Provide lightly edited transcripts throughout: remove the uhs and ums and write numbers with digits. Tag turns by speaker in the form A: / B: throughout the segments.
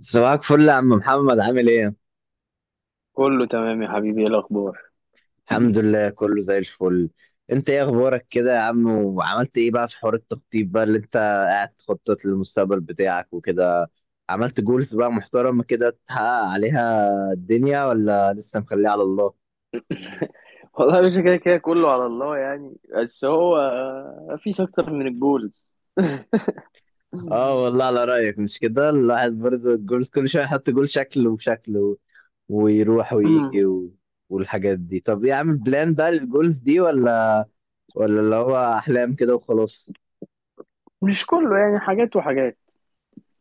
A: صباحك فل يا عم محمد، عامل ايه؟
B: كله تمام يا حبيبي، ايه الاخبار؟
A: الحمد لله كله زي الفل. انت ايه اخبارك كده يا عم، وعملت ايه بقى في حوار التخطيط بقى اللي انت قاعد تخطط للمستقبل بتاعك وكده. عملت جولز بقى محترمة كده تحقق عليها الدنيا، ولا لسه مخليها على الله؟
B: والله يا باشا كده كده كله على الله يعني، بس هو مفيش اكتر من الجولز.
A: اه والله على رأيك، مش كده الواحد برضه الجولز كل شوية يحط جول شكل وشكل ويروح ويجي والحاجات دي. طب ايه، عامل بلان بقى للجولز دي ولا اللي هو احلام كده وخلاص؟
B: مش كله يعني، حاجات وحاجات.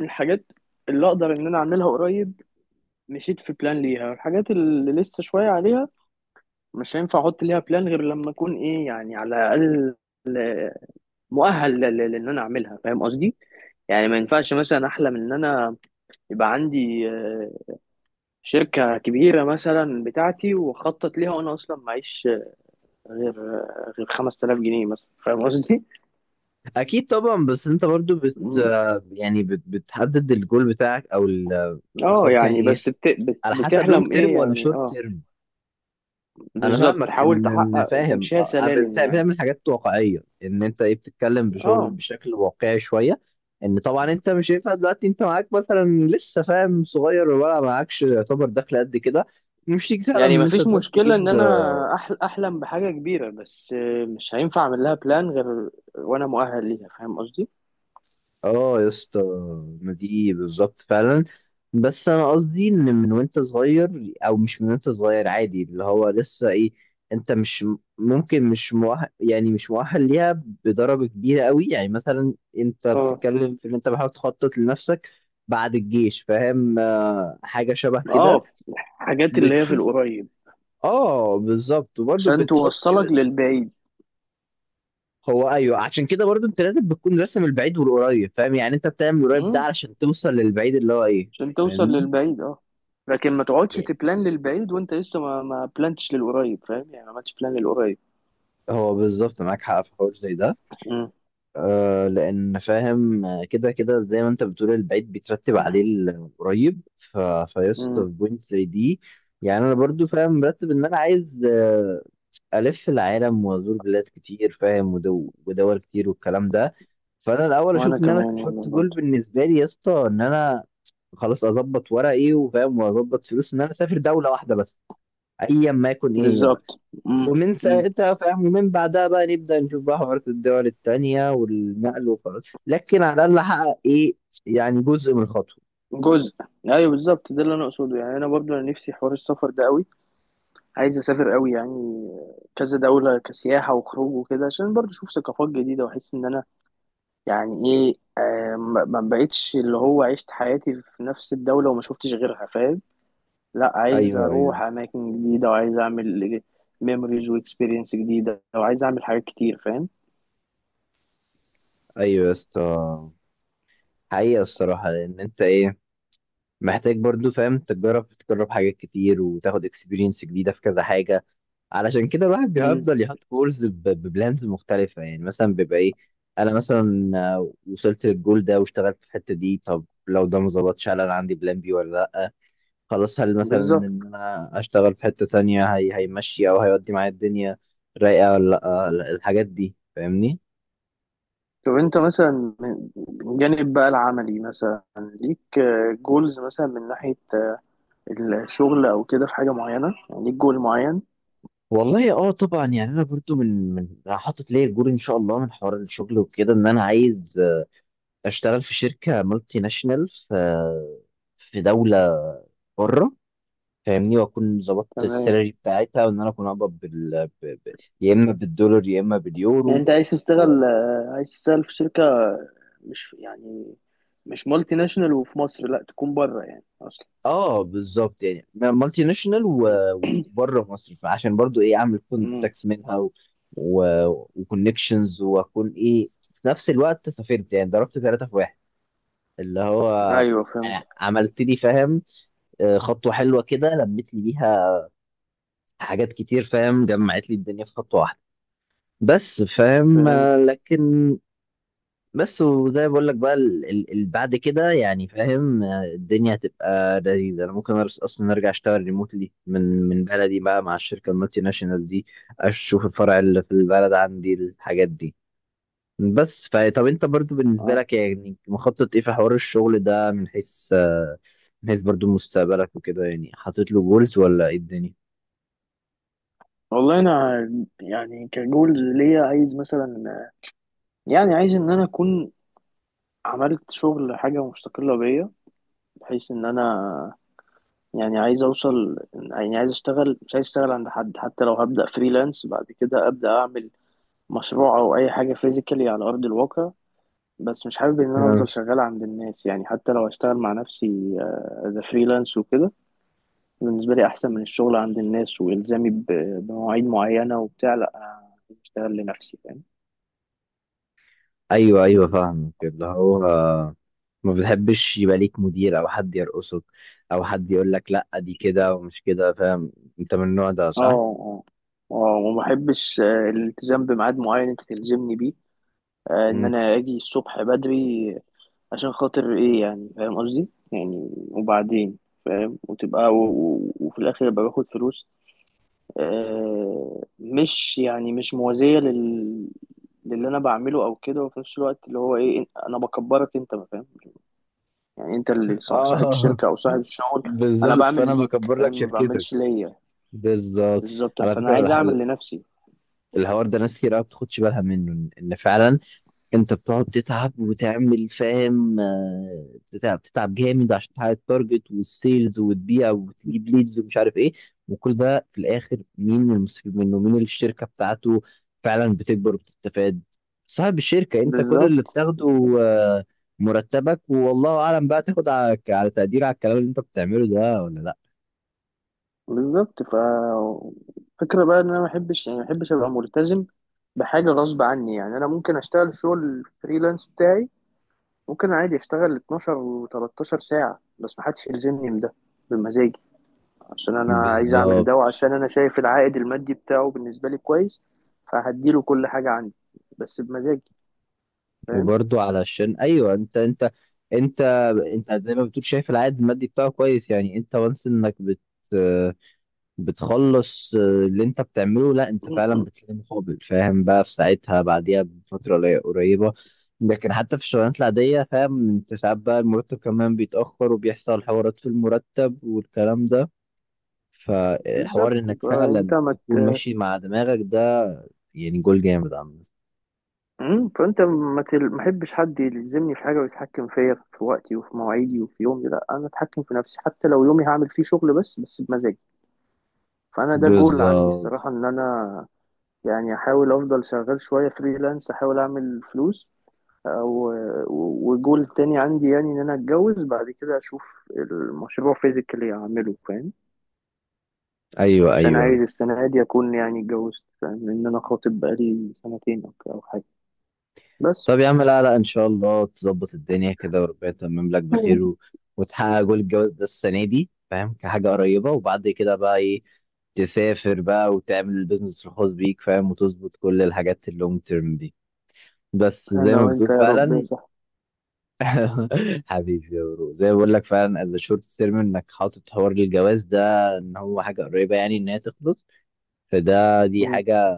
B: الحاجات اللي اقدر ان انا اعملها قريب مشيت في بلان ليها، والحاجات اللي لسه شويه عليها مش هينفع احط ليها بلان غير لما اكون ايه يعني، على الاقل مؤهل لان انا اعملها، فاهم قصدي؟ يعني ما ينفعش مثلا احلم ان انا يبقى عندي شركة كبيرة مثلا بتاعتي وخطط ليها، وأنا أصلا معيش غير غير 5000 جنيه مثلا، فاهم قصدي؟
A: اكيد طبعا. بس انت برضو
B: مم.
A: بتحدد الجول بتاعك او
B: اه
A: بتحط يعني
B: يعني
A: ايه،
B: بس
A: على حسب لونج
B: بتحلم ايه
A: تيرم ولا
B: يعني،
A: شورت
B: اه.
A: تيرم. انا
B: بالظبط،
A: فاهمك
B: تحاول
A: ان
B: تحقق
A: فاهم
B: تمشيها سلالم يعني.
A: بتعمل حاجات واقعيه، ان انت ايه بتتكلم بشغل
B: اه،
A: بشكل واقعي شويه. ان طبعا انت مش هينفع دلوقتي، انت معاك مثلا لسه فاهم صغير، ولا معاكش يعتبر دخل قد كده مش تيجي فعلا من
B: يعني
A: ان انت
B: مفيش
A: تروح
B: مشكلة ان
A: تجيب.
B: انا احلم بحاجة كبيرة، بس مش هينفع اعمل لها بلان غير وانا مؤهل ليها، فاهم قصدي؟
A: اه يا اسطى، ما دي بالظبط فعلا. بس انا قصدي ان من وانت صغير او مش من وانت صغير عادي اللي هو لسه ايه، انت مش ممكن، مش مؤهل، يعني مش مؤهل ليها بدرجة كبيرة قوي. يعني مثلا انت
B: اه
A: بتتكلم في ان انت بحاول تخطط لنفسك بعد الجيش، فاهم آه، حاجة شبه كده.
B: اه. حاجات اللي هي في
A: بتشوف
B: القريب
A: اه بالظبط. وبرضه
B: عشان
A: بتحط،
B: توصلك للبعيد.
A: هو ايوه، عشان كده برضو انت لازم بتكون راسم البعيد والقريب، فاهم؟ يعني انت بتعمل القريب ده علشان توصل للبعيد اللي هو ايه،
B: عشان توصل
A: فاهمني؟
B: للبعيد اه. لكن ما تقعدش
A: إيه،
B: تبلان للبعيد وانت لسه ما بلانتش للقريب، فاهم يعني؟ ما عملتش بلان للقريب.
A: هو بالظبط، معاك حق في حوار زي ده.
B: امم.
A: آه، لان فاهم آه، كده كده زي ما انت بتقول البعيد بيترتب عليه القريب، فيسط في
B: امم.
A: بوينت زي دي. يعني انا برضو فاهم مرتب ان انا عايز الف العالم وازور بلاد كتير، فاهم، ودول كتير والكلام ده. فانا الاول
B: وانا
A: اشوف ان انا
B: كمان والله
A: شورت جول
B: برضه.
A: بالنسبه لي يا اسطى، ان انا خلاص اظبط ورقي وفاهم واظبط فلوس ان انا اسافر دوله واحده بس، ايا ما يكون ايه هي بقى.
B: بالظبط. امم.
A: ومن
B: امم.
A: ساعتها فاهم، ومن بعدها بقى نبدا نشوف بقى حوارات الدول التانيه والنقل وخلاص، لكن على الاقل احقق ايه، يعني جزء من الخطوه.
B: جزء. ايوه بالظبط، ده اللي انا اقصده. يعني انا برضه انا نفسي حوار السفر ده قوي، عايز اسافر قوي يعني، كذا دولة كسياحة وخروج وكده، عشان برضه اشوف ثقافات جديدة، واحس ان انا يعني ايه ما بقتش اللي هو عشت حياتي في نفس الدولة وما شفتش غيرها، فاهم؟ لا، عايز
A: ايوه ايوه.
B: اروح اماكن جديده، وعايز اعمل ميموريز واكسبيرينس جديده، وعايز اعمل حاجات كتير، فاهم؟
A: ايوه يا اسطى، حقيقه الصراحه لان انت ايه، محتاج برضو فاهم تجرب حاجات كتير وتاخد اكسبيرينس جديده في كذا حاجه. علشان كده الواحد
B: امم.
A: بيفضل يحط جولز ببلانز مختلفة. يعني مثلا بيبقى ايه، انا مثلا وصلت للجول ده واشتغلت في الحتة دي. طب لو ده ما ظبطش، هل انا عندي بلان بي ولا لا؟ خلاص، هل مثلا ان
B: بالظبط.
A: انا اشتغل في حتة تانية هي هيمشي، او هيودي معايا الدنيا رايقة ولا لا؟ الحاجات دي فاهمني.
B: طب انت مثلا من جانب بقى العملي مثلا ليك جولز مثلا من ناحيه الشغل او كده، في حاجه معينه يعني ليك جول معين؟
A: والله اه طبعا، يعني انا برضو من أنا حاطط ليا الجول ان شاء الله من حوار الشغل وكده، ان انا عايز اشتغل في شركة مالتي ناشونال في في دولة بره، فاهمني، واكون ظبطت
B: تمام،
A: السالري بتاعتها وان انا اكون اقبض يا اما بالدولار يا اما
B: يعني
A: باليورو
B: انت عايز
A: و...
B: تشتغل آه، عايز تشتغل في شركه، مش يعني مش مالتي ناشونال، وفي مصر لا، تكون بره يعني اصلا.
A: اه بالظبط، يعني مالتي ناشونال وبره مصر، فعشان برضو ايه اعمل
B: امم.
A: كونتاكس منها و... وكونكشنز، واكون ايه في نفس الوقت سافرت، يعني ضربت ثلاثة في واحد، اللي هو
B: ايوه فهمت.
A: انا عملت لي فاهم خطوة حلوة كده، لميت لي بيها حاجات كتير فاهم، جمعت لي الدنيا في خطوة واحدة. بس فاهم
B: فهمت.
A: لكن. بس وزي ما بقول لك بقى، بعد كده يعني فاهم الدنيا هتبقى لذيذه. انا ممكن اصلا ارجع اشتغل ريموتلي من بلدي بقى مع الشركه المالتي ناشونال دي، اشوف الفرع اللي في البلد عندي، الحاجات دي. بس طب انت برضو بالنسبه لك يعني مخطط ايه في حوار الشغل ده، من حيث من حيث برضو مستقبلك وكده، يعني حاطط له جولز ولا ايه الدنيا؟
B: والله انا يعني كجولز ليا عايز مثلا، يعني عايز ان انا اكون عملت شغل حاجه مستقله بيا، بحيث ان انا يعني عايز اوصل، يعني عايز اشتغل مش عايز اشتغل عند حد، حتى لو هبدا فريلانس بعد كده ابدا اعمل مشروع او اي حاجه فيزيكالي على ارض الواقع. بس مش حابب ان انا افضل شغال عند الناس، يعني حتى لو هشتغل مع نفسي ذا فريلانس وكده، بالنسبه لي احسن من الشغل عند الناس والزامي بمواعيد معينه وبتاع. لا، أنا عايز اشتغل لنفسي.
A: ايوه ايوه فاهمك، اللي هو ما بتحبش يبقى ليك مدير او حد يرقصك او حد يقول لك لا دي كده ومش كده، فاهم، انت من النوع ده
B: اه
A: صح؟
B: اه اه. وما بحبش الالتزام بميعاد معين انت تلزمني بيه، ان
A: مم.
B: انا اجي الصبح بدري عشان خاطر ايه يعني، فاهم قصدي؟ يعني وبعدين فاهم، وتبقى وفي الاخر ابقى باخد فلوس مش يعني مش موازية للي انا بعمله او كده، وفي نفس الوقت اللي هو ايه انا بكبرك انت، ما فاهم يعني انت اللي صاحب
A: اه
B: الشركة او صاحب الشغل. انا
A: بالظبط،
B: بعمل
A: فانا
B: ليك،
A: بكبر
B: فاهم،
A: لك
B: ما
A: شركتك.
B: بعملش ليا.
A: بالظبط.
B: بالظبط.
A: على
B: فانا
A: فكره
B: عايز اعمل لنفسي.
A: الحوار ده ناس كتير قوي ما بتاخدش بالها منه، ان فعلا انت بتقعد تتعب وتعمل فاهم بتتعب جامد عشان تحقق التارجت والسيلز وتبيع وتجيب ليدز ومش عارف ايه. وكل ده في الاخر مين المستفيد منه، مين اللي الشركه بتاعته فعلا بتكبر وبتستفاد؟ صاحب الشركه. انت كل اللي
B: بالظبط.
A: بتاخده
B: بالظبط.
A: آه، مرتبك، والله اعلم بقى تاخد على تقدير على الكلام اللي انت بتعمله ده ولا لا.
B: بالظبط. فكرة بقى ان انا ما بحبش، يعني ما بحبش ابقى ملتزم بحاجة غصب عني، يعني انا ممكن اشتغل شغل فريلانس بتاعي، ممكن عادي اشتغل 12 و13 ساعة، بس ما حدش يلزمني بده، بمزاجي. عشان انا عايز اعمل ده،
A: بالظبط.
B: وعشان انا شايف العائد المادي بتاعه بالنسبة لي كويس، فهديله كل حاجة عندي، بس بمزاجي، فاهم؟
A: وبرضه علشان ايوه انت انت انت زي ما بتقول شايف العائد المادي بتاعه كويس، يعني انت وانس انك بتخلص اللي انت بتعمله، لا انت فعلا بتلاقي مقابل فاهم بقى في ساعتها، بعديها بفتره قريبه. لكن حتى في الشغلانات العاديه فاهم انت ساعات بقى المرتب كمان بيتاخر وبيحصل حوارات في المرتب والكلام ده، فحوار
B: بالظبط.
A: انك فعلا
B: فانت ما
A: تكون
B: ت-
A: ماشي مع دماغك ده يعني جول جامد عامة.
B: فانت ما تل- ما احبش حد يلزمني في حاجه ويتحكم فيا في وقتي وفي مواعيدي وفي يومي، لا، انا اتحكم في نفسي، حتى لو يومي هعمل فيه شغل بس بمزاجي. فانا ده جول عندي
A: بالظبط
B: الصراحه، ان انا يعني احاول افضل شغال شويه فريلانس، احاول اعمل فلوس، او وجول تاني عندي، يعني ان انا اتجوز بعد كده اشوف المشروع فيزيكالي اعمله، فاهم؟
A: ايوه
B: عشان
A: ايوه.
B: عايز السنه دي اكون يعني اتجوزت، فاهم، لان انا خاطب بقالي سنتين او حاجه بس.
A: طب يا عم، لا لا ان شاء الله تظبط الدنيا كده وربنا يتمم لك
B: مم.
A: بخير وتحقق جول الجواز ده السنه دي، فاهم، كحاجه قريبه، وبعد كده بقى ايه تسافر بقى وتعمل البيزنس الخاص بيك فاهم وتظبط كل الحاجات اللونج تيرم دي، بس زي
B: انا
A: ما
B: وانت
A: بتقول
B: يا رب يا
A: فعلا. حبيبي يا برو، زي ما بقول لك فعلا از شورت تيرم انك حاطط حوار الجواز ده ان هو حاجه قريبه يعني ان هي تخلص. فده
B: صاحبي.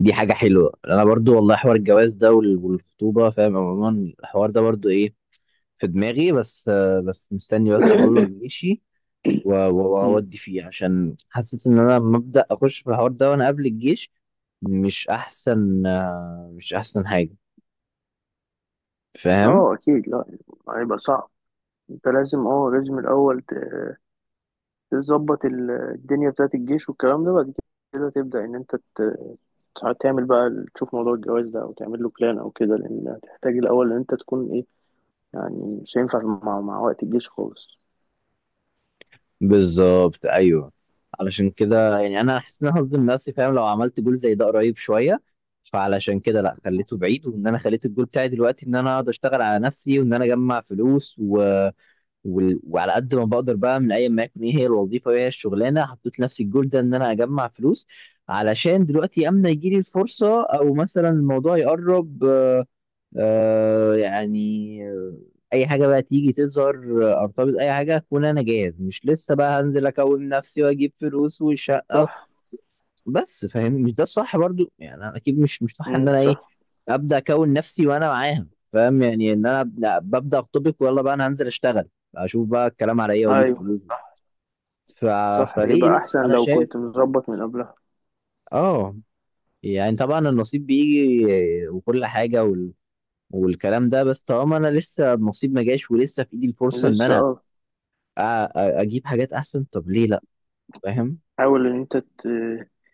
A: دي حاجه حلوه. انا برضو والله حوار الجواز ده والخطوبه، فاهم عموما الحوار ده برضو ايه في دماغي، بس بس مستني بس اخلص جيشي
B: مم.
A: واودي فيه، عشان حاسس ان انا لما ابدا اخش في الحوار ده وانا قبل الجيش مش احسن مش احسن حاجه، فاهم.
B: اه اكيد، لا هيبقى صعب. انت لازم الاول تظبط الدنيا بتاعت الجيش والكلام ده، بعد كده تبدا ان انت تعمل بقى، تشوف موضوع الجواز ده او تعمل له بلان او كده، لان هتحتاج الاول ان انت تكون ايه. يعني مش هينفع مع وقت الجيش خالص.
A: بالظبط ايوه. علشان كده يعني انا حاسس ان انا هصدم نفسي فاهم لو عملت جول زي ده قريب شويه، فعلشان كده لا، خليته بعيد، وان انا خليت الجول بتاعي دلوقتي ان انا اقعد اشتغل على نفسي وان انا اجمع فلوس وعلى قد ما بقدر بقى، من ايا ما يكون ايه هي الوظيفه وايه هي الشغلانه، حطيت لنفسي الجول ده ان انا اجمع فلوس علشان دلوقتي امتى يجي لي الفرصه او مثلا الموضوع يقرب، آه يعني آه، اي حاجه بقى تيجي تظهر، ارتبط اي حاجه اكون انا جاهز، مش لسه بقى هنزل اكون نفسي واجيب فلوس وشقه.
B: صح.
A: بس فاهم مش ده الصح برضو، يعني انا اكيد مش صح ان
B: امم.
A: انا
B: صح.
A: ايه ابدا اكون نفسي وانا معاها فاهم، يعني ان انا لا، ببدا اخطبك ويلا بقى انا هنزل اشتغل اشوف بقى الكلام على ايه واجيب
B: ايوه
A: فلوس. ف...
B: صح،
A: فليه
B: يبقى
A: لا،
B: احسن
A: انا
B: لو
A: شايف
B: كنت مظبط من قبلها.
A: اه، يعني طبعا النصيب بيجي وكل حاجه والكلام ده. بس طالما انا لسه النصيب ما جاش ولسه في ايدي الفرصه ان
B: لسه
A: انا
B: اه.
A: اجيب حاجات احسن، طب ليه لا، فاهم؟
B: حاول ان انت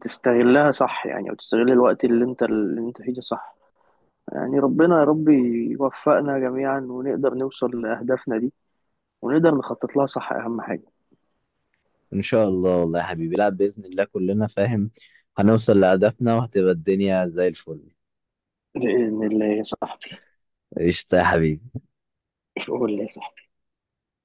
B: تستغلها، صح يعني، او تستغل الوقت اللي انت فيه ده، صح يعني. ربنا يا رب يوفقنا جميعا ونقدر نوصل لأهدافنا دي، ونقدر نخطط لها، صح، أهم حاجة.
A: ان شاء الله والله يا حبيبي، لا، باذن الله كلنا فاهم هنوصل لهدفنا وهتبقى الدنيا زي الفل.
B: بإذن الله يا صاحبي.
A: قشطه يا حبيبي.
B: قول لي يا صاحبي.